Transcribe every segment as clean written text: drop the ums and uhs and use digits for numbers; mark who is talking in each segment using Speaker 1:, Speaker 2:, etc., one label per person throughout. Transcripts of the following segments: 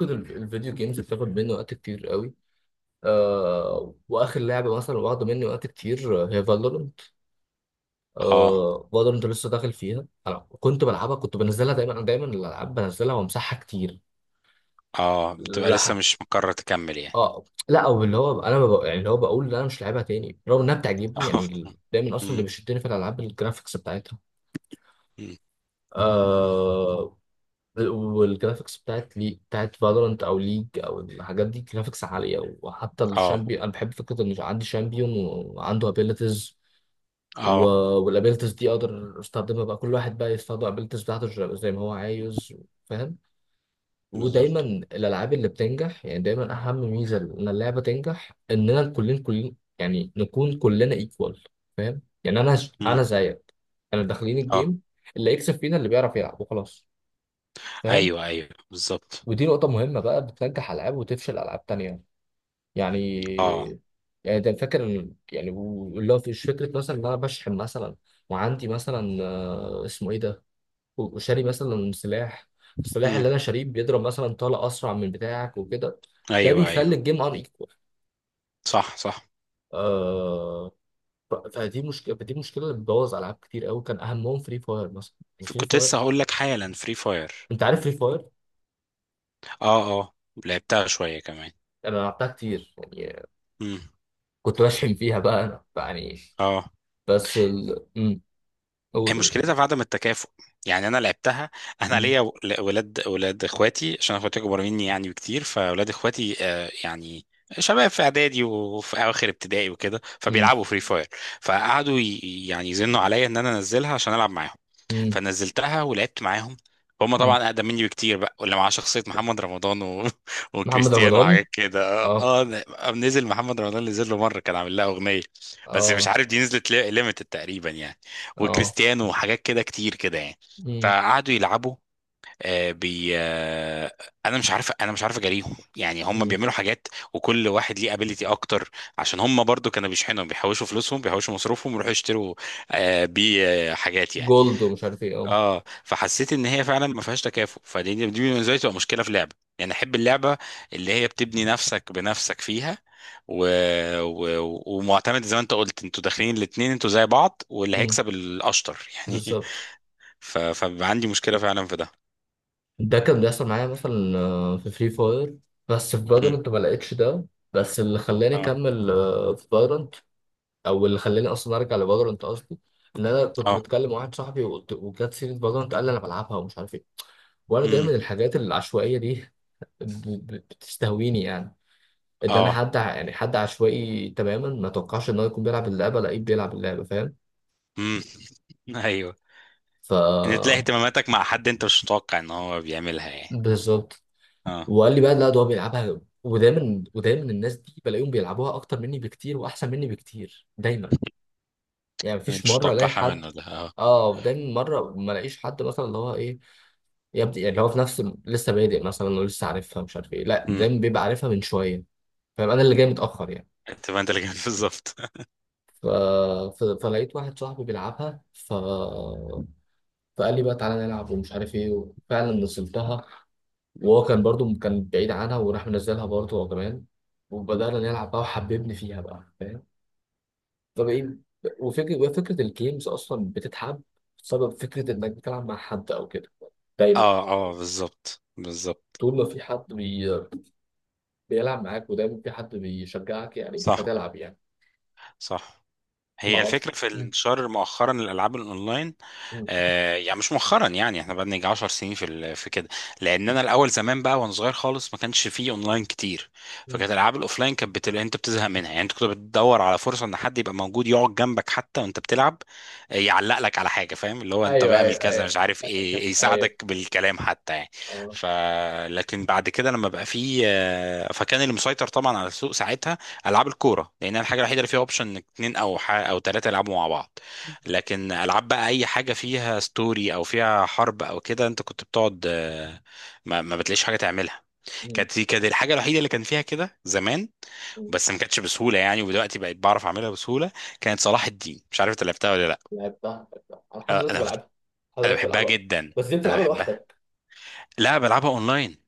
Speaker 1: كده الفيديو جيمز بتاخد مني وقت كتير قوي. واخر لعبه مثلا واخده مني وقت كتير، هي فالورنت.
Speaker 2: اه
Speaker 1: فالورنت لسه داخل فيها، انا كنت بلعبها، كنت بنزلها دايما. انا دايما الالعاب بنزلها وامسحها كتير.
Speaker 2: اه، بتبقى لسه
Speaker 1: لا.
Speaker 2: مش مقرر تكمل يعني؟
Speaker 1: اه لا، او اللي هو انا ببقى يعني اللي هو بقول لا انا مش لاعبها تاني رغم انها بتعجبني.
Speaker 2: اه.
Speaker 1: يعني دايما اصلا اللي
Speaker 2: مم،
Speaker 1: بيشدني في الالعاب الجرافيكس بتاعتها.
Speaker 2: مم.
Speaker 1: آه والجرافيكس بتاعت فالورانت او ليج او الحاجات دي جرافيكس عاليه، وحتى
Speaker 2: اه
Speaker 1: الشامبيون انا بحب فكره ان عندي شامبيون وعنده ابيلتيز.
Speaker 2: اه،
Speaker 1: والابيلتيز دي اقدر استخدمها بقى، كل واحد بقى يستخدم الابيلتيز بتاعته زي ما هو عايز. فاهم. ودايما
Speaker 2: بالظبط.
Speaker 1: الالعاب اللي بتنجح، يعني دايما اهم ميزه ان اللعبه تنجح اننا كلنا يعني نكون كلنا ايكوال. فاهم. يعني انا
Speaker 2: مم،
Speaker 1: زيك. انا داخلين
Speaker 2: اه،
Speaker 1: الجيم، اللي يكسب فينا اللي بيعرف يلعب وخلاص. فاهم.
Speaker 2: ايوه، ايوه، بالظبط.
Speaker 1: ودي نقطة مهمة، بقى بتنجح ألعاب وتفشل ألعاب تانية، يعني.
Speaker 2: اه.
Speaker 1: يعني ده فاكر إن- يعني اللي هو مش فكرة مثلا إن أنا بشحن مثلا، وعندي مثلا اسمه إيه ده، وشاري مثلا سلاح، السلاح
Speaker 2: مم،
Speaker 1: اللي أنا شاريه بيضرب مثلا طلقة أسرع من بتاعك وكده. ده
Speaker 2: ايوه،
Speaker 1: بيخلي
Speaker 2: ايوه،
Speaker 1: الجيم أن إيكوال.
Speaker 2: صح، صح.
Speaker 1: آه فدي مشكلة اللي بتبوظ ألعاب كتير أوي، كان أهمهم فري فاير مثلا. فري
Speaker 2: كنت
Speaker 1: فاير.
Speaker 2: لسه هقول لك حالا فري فاير.
Speaker 1: أنت عارف فري فاير؟
Speaker 2: اه، لعبتها شويه كمان.
Speaker 1: أنا لعبتها كتير يعني،
Speaker 2: مم،
Speaker 1: كنت بشحن فيها بقى أنا يعني.
Speaker 2: اه،
Speaker 1: بس ال... مم.
Speaker 2: هي
Speaker 1: قول قول.
Speaker 2: مشكلتها في عدم التكافؤ. يعني انا لعبتها، انا
Speaker 1: مم.
Speaker 2: ليا ولاد اخواتي، عشان اخواتي اكبر مني يعني بكتير، فولاد اخواتي، يعني شباب في اعدادي وفي اواخر ابتدائي وكده،
Speaker 1: مم.
Speaker 2: فبيلعبوا فري فاير. فقعدوا يعني يزنوا عليا ان انا انزلها عشان العب معاهم،
Speaker 1: مم.
Speaker 2: فنزلتها ولعبت معاهم. هم
Speaker 1: مم.
Speaker 2: طبعا اقدم مني بكتير بقى، واللي معاه شخصيه محمد رمضان
Speaker 1: محمد
Speaker 2: وكريستيانو
Speaker 1: رمضان.
Speaker 2: وحاجات كده.
Speaker 1: اه.
Speaker 2: نزل محمد رمضان، نزل له مره كان عامل لها اغنيه، بس مش
Speaker 1: اه.
Speaker 2: عارف دي نزلت ليميتد تقريبا يعني.
Speaker 1: اه.
Speaker 2: وكريستيانو وحاجات كده كتير كده يعني،
Speaker 1: مم.
Speaker 2: فقعدوا يلعبوا. آه، بي آه، انا مش عارف اجاريهم، يعني هم
Speaker 1: مم.
Speaker 2: بيعملوا حاجات وكل واحد ليه ابيليتي اكتر، عشان هم برضو كانوا بيشحنوا، بيحوشوا فلوسهم، بيحوشوا مصروفهم، ويروحوا يشتروا آه، بيه آه، حاجات يعني.
Speaker 1: جولد ومش عارف ايه. اه.
Speaker 2: اه فحسيت ان هي فعلا ما فيهاش تكافؤ، فدي بالنسبه لي تبقى مشكله في اللعبه، يعني احب اللعبه اللي هي بتبني نفسك بنفسك فيها، و... ومعتمد زي ما انت قلت، انتوا داخلين الاتنين، انتوا زي بعض، واللي
Speaker 1: مم.
Speaker 2: هيكسب الاشطر يعني.
Speaker 1: بالظبط.
Speaker 2: فبيبقى عندي مشكله فعلا في ده.
Speaker 1: ده كان بيحصل معايا مثلا في فري فاير، بس في
Speaker 2: مم،
Speaker 1: فالورانت ما لقيتش ده. بس اللي خلاني
Speaker 2: اه،
Speaker 1: اكمل في فالورانت، او اللي خلاني اصلا ارجع لفالورانت قصدي، ان انا كنت
Speaker 2: اه.
Speaker 1: بتكلم مع واحد صاحبي وجت سيره فالورانت، قال لي انا بلعبها ومش عارف ايه. وانا
Speaker 2: مم،
Speaker 1: دايما الحاجات العشوائيه دي ب- بتستهويني يعني. ادانا
Speaker 2: اه.
Speaker 1: حد يعني حد عشوائي تماما ما توقعش ان هو يكون بيلعب اللعبه، لقيه بيلعب اللعبه، فاهم؟
Speaker 2: مم. ايوه،
Speaker 1: ف
Speaker 2: ان تلاقي اهتماماتك مع حد انت مش متوقع ان هو بيعملها يعني.
Speaker 1: بالظبط.
Speaker 2: اه،
Speaker 1: وقال لي بقى لا ده هو بيلعبها. ودايما الناس دي بلاقيهم بيلعبوها اكتر مني بكتير واحسن مني بكتير دايما، يعني مفيش
Speaker 2: مش
Speaker 1: مره الاقي
Speaker 2: متوقعها
Speaker 1: حد.
Speaker 2: منه ده، اه.
Speaker 1: اه، دايما مره ما الاقيش حد مثلا اللي هو ايه، يبدأ يعني اللي هو في نفس لسه بادئ مثلا ولسه عارفها مش عارف ايه. لا،
Speaker 2: مم،
Speaker 1: دايما بيبقى عارفها من شويه، فاهم، انا اللي جاي متاخر يعني.
Speaker 2: انت، ما انت اللي كان بالظبط.
Speaker 1: ف... فلقيت واحد صاحبي بيلعبها، فقال لي بقى تعالى نلعب ومش عارف ايه، وفعلا نزلتها. وهو كان برضو كان بعيد عنها وراح منزلها برضو هو كمان، وبدأنا نلعب بقى وحببني فيها بقى، فاهم. فبقيت. وفكرة الجيمز أصلا بتتحب بسبب فكرة إنك بتلعب مع حد أو كده، دايما.
Speaker 2: اه اه، بالظبط، بالظبط،
Speaker 1: طول ما في حد بيلعب معاك ودايما في حد بيشجعك يعني
Speaker 2: صح،
Speaker 1: هتلعب يعني.
Speaker 2: صح.
Speaker 1: ما
Speaker 2: هي
Speaker 1: أعرفش.
Speaker 2: الفكرة في
Speaker 1: مم.
Speaker 2: الانتشار مؤخرا للألعاب الأونلاين.
Speaker 1: مم.
Speaker 2: يعني مش مؤخرا، يعني احنا بقى نيجي 10 سنين في كده لأن أنا الأول زمان بقى، وأنا صغير خالص ما كانش فيه أونلاين كتير،
Speaker 1: مم.
Speaker 2: فكانت الألعاب الأوفلاين كانت أنت بتزهق منها، يعني أنت كنت بتدور على فرصة إن حد يبقى موجود يقعد جنبك حتى وأنت بتلعب، يعلق لك على حاجة، فاهم؟ اللي هو أنت
Speaker 1: أيوه
Speaker 2: بيعمل
Speaker 1: أيوه
Speaker 2: كذا،
Speaker 1: أيوه.
Speaker 2: مش عارف إيه،
Speaker 1: أيوه.
Speaker 2: يساعدك بالكلام حتى يعني.
Speaker 1: أه.
Speaker 2: ف لكن بعد كده لما بقى فيه، فكان اللي مسيطر طبعا على السوق ساعتها العاب الكوره، لان الحاجه الوحيده اللي فيها اوبشن انك اتنين او ثلاثه يلعبوا مع بعض. لكن العاب بقى اي حاجه فيها ستوري او فيها حرب او كده، انت كنت بتقعد، ما بتلاقيش حاجه تعملها. كانت دي الحاجه الوحيده اللي كان فيها كده زمان،
Speaker 1: مم.
Speaker 2: بس ما كانتش بسهوله يعني، ودلوقتي بقيت بعرف اعملها بسهوله. كانت صلاح الدين، مش عارف انت لعبتها ولا لا؟
Speaker 1: لعبتها لعبتها، انا لحد
Speaker 2: آه،
Speaker 1: دلوقتي
Speaker 2: انا كنت-
Speaker 1: بلعبها، لحد
Speaker 2: انا
Speaker 1: دلوقتي
Speaker 2: بحبها
Speaker 1: بلعبها.
Speaker 2: جدا،
Speaker 1: بس دي
Speaker 2: انا
Speaker 1: بتلعبها
Speaker 2: بحبها،
Speaker 1: لوحدك؟
Speaker 2: لا، بلعبها اونلاين.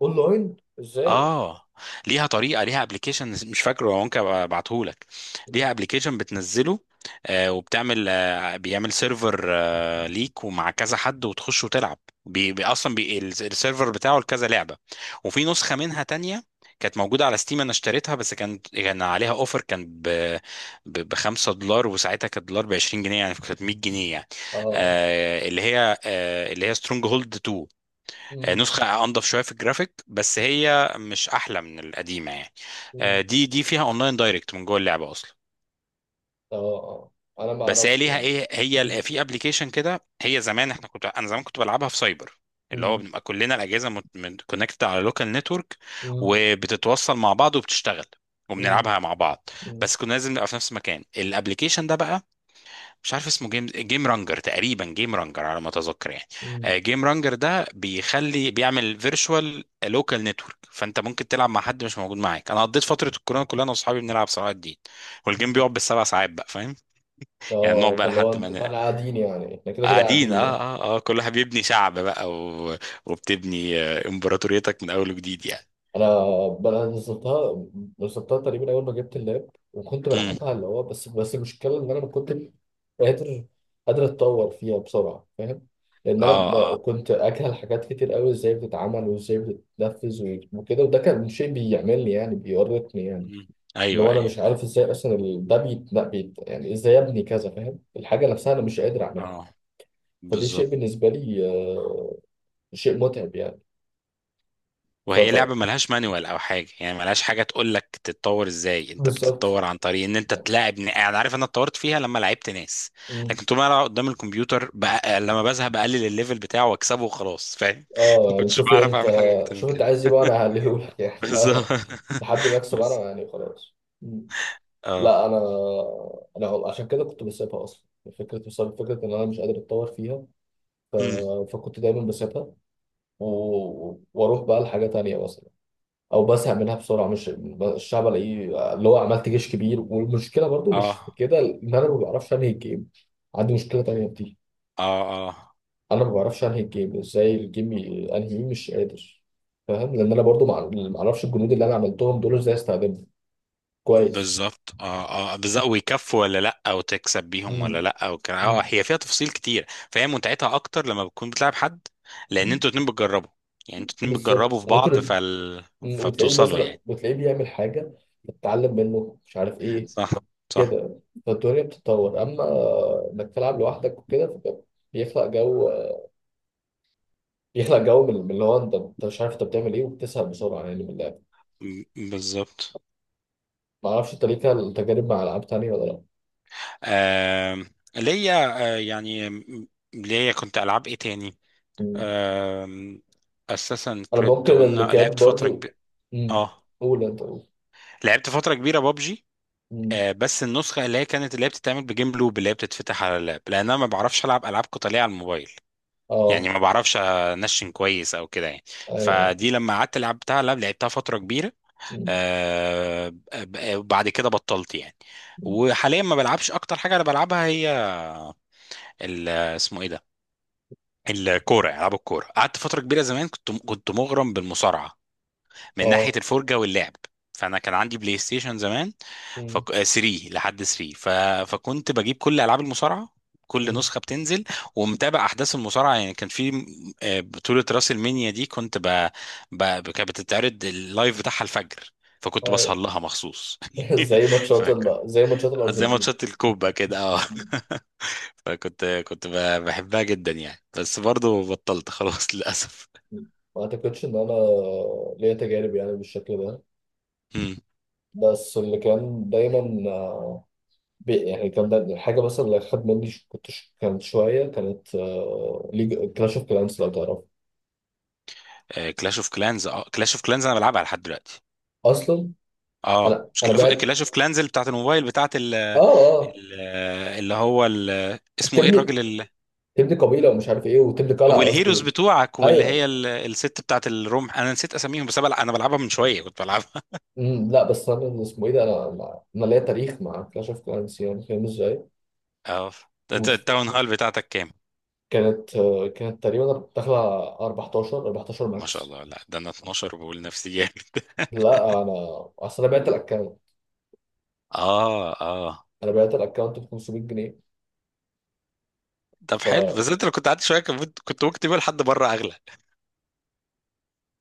Speaker 1: اونلاين ازاي؟
Speaker 2: اه، ليها طريقه، ليها ابلكيشن مش فاكره، ممكن ابعته لك. ليها ابلكيشن بتنزله، وبتعمل، بيعمل سيرفر ليك، ومع كذا حد وتخش وتلعب. بي اصلا بي السيرفر بتاعه لكذا لعبه. وفي نسخه منها تانية كانت موجوده على ستيم، انا اشتريتها، بس كانت عليها اوفر، كان ب 5 دولار، وساعتها كانت دولار ب 20 جنيه، يعني كانت 100 جنيه يعني.
Speaker 1: اه.
Speaker 2: اللي هي سترونج هولد 2،
Speaker 1: مم.
Speaker 2: نسخة أنضف شوية في الجرافيك، بس هي مش أحلى من القديمة يعني.
Speaker 1: مم.
Speaker 2: دي فيها أونلاين دايركت من جوه اللعبة أصلا.
Speaker 1: اه اه. انا ما
Speaker 2: بس هي
Speaker 1: اعرفش.
Speaker 2: ليها إيه، هي
Speaker 1: مم.
Speaker 2: في أبلكيشن كده. هي زمان إحنا كنت أنا زمان كنت بلعبها في سايبر، اللي هو
Speaker 1: مم.
Speaker 2: بنبقى كلنا الأجهزة كونكتد على لوكال نتورك،
Speaker 1: مم.
Speaker 2: وبتتوصل مع بعض وبتشتغل،
Speaker 1: مم.
Speaker 2: وبنلعبها مع بعض.
Speaker 1: مم.
Speaker 2: بس كنا لازم نبقى في نفس المكان. الأبلكيشن ده بقى مش عارف اسمه، جيم رانجر تقريبا، جيم رانجر على ما اتذكر يعني.
Speaker 1: مم.
Speaker 2: جيم رانجر ده بيعمل فيرتشوال لوكال نتورك، فانت ممكن تلعب مع حد مش موجود معاك. انا قضيت فتره الكورونا كلها، انا واصحابي بنلعب صلاح الدين، والجيم بيقعد بالسبع ساعات بقى، فاهم؟ يعني نقعد
Speaker 1: اه،
Speaker 2: بقى
Speaker 1: فاللي هو
Speaker 2: لحد ما
Speaker 1: انتوا، فاحنا قاعدين يعني، احنا كده كده
Speaker 2: قاعدين.
Speaker 1: قاعدين يعني.
Speaker 2: اه كل واحد بيبني شعب بقى، وبتبني امبراطوريتك من اول وجديد يعني.
Speaker 1: انا انا نزلتها، نزلتها تقريبا اول ما جبت اللاب وكنت
Speaker 2: امم،
Speaker 1: بلعبها اللي هو، بس المشكله ان انا ما كنتش قادر، قادر اتطور فيها بسرعه، فاهم. لان انا
Speaker 2: اه، اه
Speaker 1: كنت اجهل حاجات كتير قوي ازاي بتتعمل وازاي بتتنفذ وكده، وده كان شيء بيعملني يعني بيورطني يعني.
Speaker 2: مم،
Speaker 1: اللي
Speaker 2: ايوه،
Speaker 1: هو انا مش
Speaker 2: ايوه،
Speaker 1: عارف ازاي اصلا ده بيت لا بيت يعني، ازاي ابني كذا، فاهم، الحاجه نفسها انا مش قادر اعملها.
Speaker 2: اه،
Speaker 1: فدي شيء
Speaker 2: بالظبط.
Speaker 1: بالنسبه لي، شيء متعب يعني. ف
Speaker 2: وهي
Speaker 1: ف- مم.
Speaker 2: لعبة ملهاش مانوال أو حاجة، يعني ملهاش حاجة تقول لك تتطور إزاي. أنت
Speaker 1: بالظبط.
Speaker 2: بتتطور عن طريق إن أنت
Speaker 1: يعني.
Speaker 2: تلاعب أنا عارف، أنا اتطورت فيها لما لعبت ناس.
Speaker 1: إمم.
Speaker 2: لكن طول ما أنا قدام الكمبيوتر لما بزهق بقلل الليفل بتاعه وأكسبه وخلاص فاهم.
Speaker 1: اه
Speaker 2: ما
Speaker 1: يعني،
Speaker 2: كنتش
Speaker 1: شوفي
Speaker 2: بعرف
Speaker 1: انت،
Speaker 2: أعمل حاجة أكتر من
Speaker 1: شوف انت
Speaker 2: كده.
Speaker 1: عايز ايه بقى، انا هقللهولك يعني
Speaker 2: بالظبط،
Speaker 1: اه. لحد ما اكسب انا
Speaker 2: بالظبط.
Speaker 1: يعني، خلاص. مم.
Speaker 2: أه،
Speaker 1: لا انا عشان كده كنت بسيبها اصلا، فكره بسبب فكره ان انا مش قادر اتطور فيها. ف...
Speaker 2: أمم،
Speaker 1: فكنت دايما بسيبها و... واروح بقى لحاجه تانية مثلا، او بزهق منها بسرعه، مش الشعب الاقيه اللي هو عملت جيش كبير. والمشكله برضو مش في
Speaker 2: أه
Speaker 1: كده، ان انا ما بعرفش انهي الجيم، عندي مشكله تانية بتيجي.
Speaker 2: أه أه،
Speaker 1: انا ما بعرفش انهي الجيم، ازاي الجيم انهي مش قادر، فاهم، لان انا برضو ما اعرفش الجنود اللي انا عملتهم دول ازاي استخدمهم كويس.
Speaker 2: بالظبط. اه، بالظبط، ويكفوا ولا لا، وتكسب بيهم ولا
Speaker 1: مم.
Speaker 2: لا. وكان
Speaker 1: مم.
Speaker 2: هي فيها تفاصيل كتير، فهي متعتها اكتر لما بتكون بتلعب حد، لان انتوا
Speaker 1: مم.
Speaker 2: اتنين بتجربوا، يعني انتوا اتنين
Speaker 1: بالظبط.
Speaker 2: بتجربوا في بعض.
Speaker 1: مم.
Speaker 2: فبتوصلوا يعني.
Speaker 1: وتلاقيه بيعمل حاجه، بتتعلم منه مش عارف ايه
Speaker 2: صح، صح،
Speaker 1: كده، فالدنيا بتتطور، اما انك تلعب لوحدك وكده فده بيخلق جو، بيخلق جو من اللي هو انت مش عارف انت بتعمل ايه وبتسهل بسرعه يعني من اللعب.
Speaker 2: بالظبط.
Speaker 1: ما اعرفش، انت ليك تجارب مع العاب تانيه ولا
Speaker 2: آه ليا، يعني ليا كنت العاب ايه تاني؟
Speaker 1: لا؟
Speaker 2: آه اساسا
Speaker 1: انا ممكن
Speaker 2: كريد قلنا
Speaker 1: اللي كانت
Speaker 2: لعبت فتره
Speaker 1: برضو،
Speaker 2: كبيره.
Speaker 1: امم.
Speaker 2: اه،
Speaker 1: قول انت قول.
Speaker 2: لعبت فتره كبيره بابجي،
Speaker 1: امم.
Speaker 2: بس النسخه اللي هي بتتعمل بجيم لوب، اللي هي بتتفتح على اللاب، لان انا ما بعرفش العب العاب قتاليه على الموبايل، يعني
Speaker 1: اه.
Speaker 2: ما بعرفش انشن كويس او كده يعني.
Speaker 1: ايوه.
Speaker 2: فدي لما قعدت لعبتها فتره كبيره.
Speaker 1: امم.
Speaker 2: آه، بعد كده بطلت يعني.
Speaker 1: أمم.
Speaker 2: وحاليا ما بلعبش. اكتر حاجه انا بلعبها هي اسمه ايه ده، العاب الكوره. قعدت فتره كبيره زمان، كنت مغرم بالمصارعه من ناحية
Speaker 1: اه.
Speaker 2: الفرجة واللعب. فأنا كان عندي بلاي ستيشن زمان،
Speaker 1: امم.
Speaker 2: فك... آه، 3 لحد 3. فكنت بجيب كل ألعاب المصارعة، كل
Speaker 1: أمم.
Speaker 2: نسخة بتنزل، ومتابع أحداث المصارعة يعني. كان في، بطولة راس المنيا دي كنت كانت بتتعرض اللايف بتاعها الفجر، فكنت بسهر
Speaker 1: ايوه
Speaker 2: لها مخصوص. فكان
Speaker 1: زي ماتشات
Speaker 2: زي
Speaker 1: الارجنتين.
Speaker 2: ماتشات الكوبا كده، اه.
Speaker 1: أمم.
Speaker 2: فكنت بحبها جدا يعني، بس برضو بطلت خلاص للأسف.
Speaker 1: أمم. ما اعتقدش ان انا ليا تجارب يعني بالشكل ده،
Speaker 2: امم،
Speaker 1: بس اللي كان دايما يعني كان دايما الحاجه مثلا اللي خد مني كانت شويه، كانت ليج كلاش اوف كلانس، لو تعرف
Speaker 2: كلاش اوف كلانز؟ اه، كلاش اوف كلانز انا بلعبها لحد دلوقتي.
Speaker 1: اصلا.
Speaker 2: اه، مش
Speaker 1: انا بعت.
Speaker 2: كلاش اوف كلانز اللي بتاعت الموبايل، بتاعت
Speaker 1: اه اه.
Speaker 2: ال- اللي هو اسمه ايه،
Speaker 1: تبني
Speaker 2: الراجل
Speaker 1: تبني قبيله ومش عارف ايه، وتبني قلعه
Speaker 2: والهيروز
Speaker 1: قصدي.
Speaker 2: بتوعك، واللي هي
Speaker 1: ايوه.
Speaker 2: الست بتاعت الرمح، انا نسيت اساميهم. بس أنا بلعبها من شويه، كنت بلعبها.
Speaker 1: أمم. لا بس انا اللي اسمه ايه ده، انا انا أنا ليا تاريخ مع كلاش اوف كلانس يعني، فاهم ازاي.
Speaker 2: اه، ده انت
Speaker 1: وف-
Speaker 2: التاون هال بتاعتك كام؟
Speaker 1: كانت تقريبا داخله على 14 14
Speaker 2: ما شاء
Speaker 1: ماكس.
Speaker 2: الله، لا، ده انا 12، بقول نفسي جامد.
Speaker 1: لا انا اصل انا بعت الاكونت،
Speaker 2: اه.
Speaker 1: انا بعت الاكونت ب 500 جنيه.
Speaker 2: طب حلو، بس انت لو كنت قعدت شويه كان كنت ممكن تبقى لحد بره اغلى.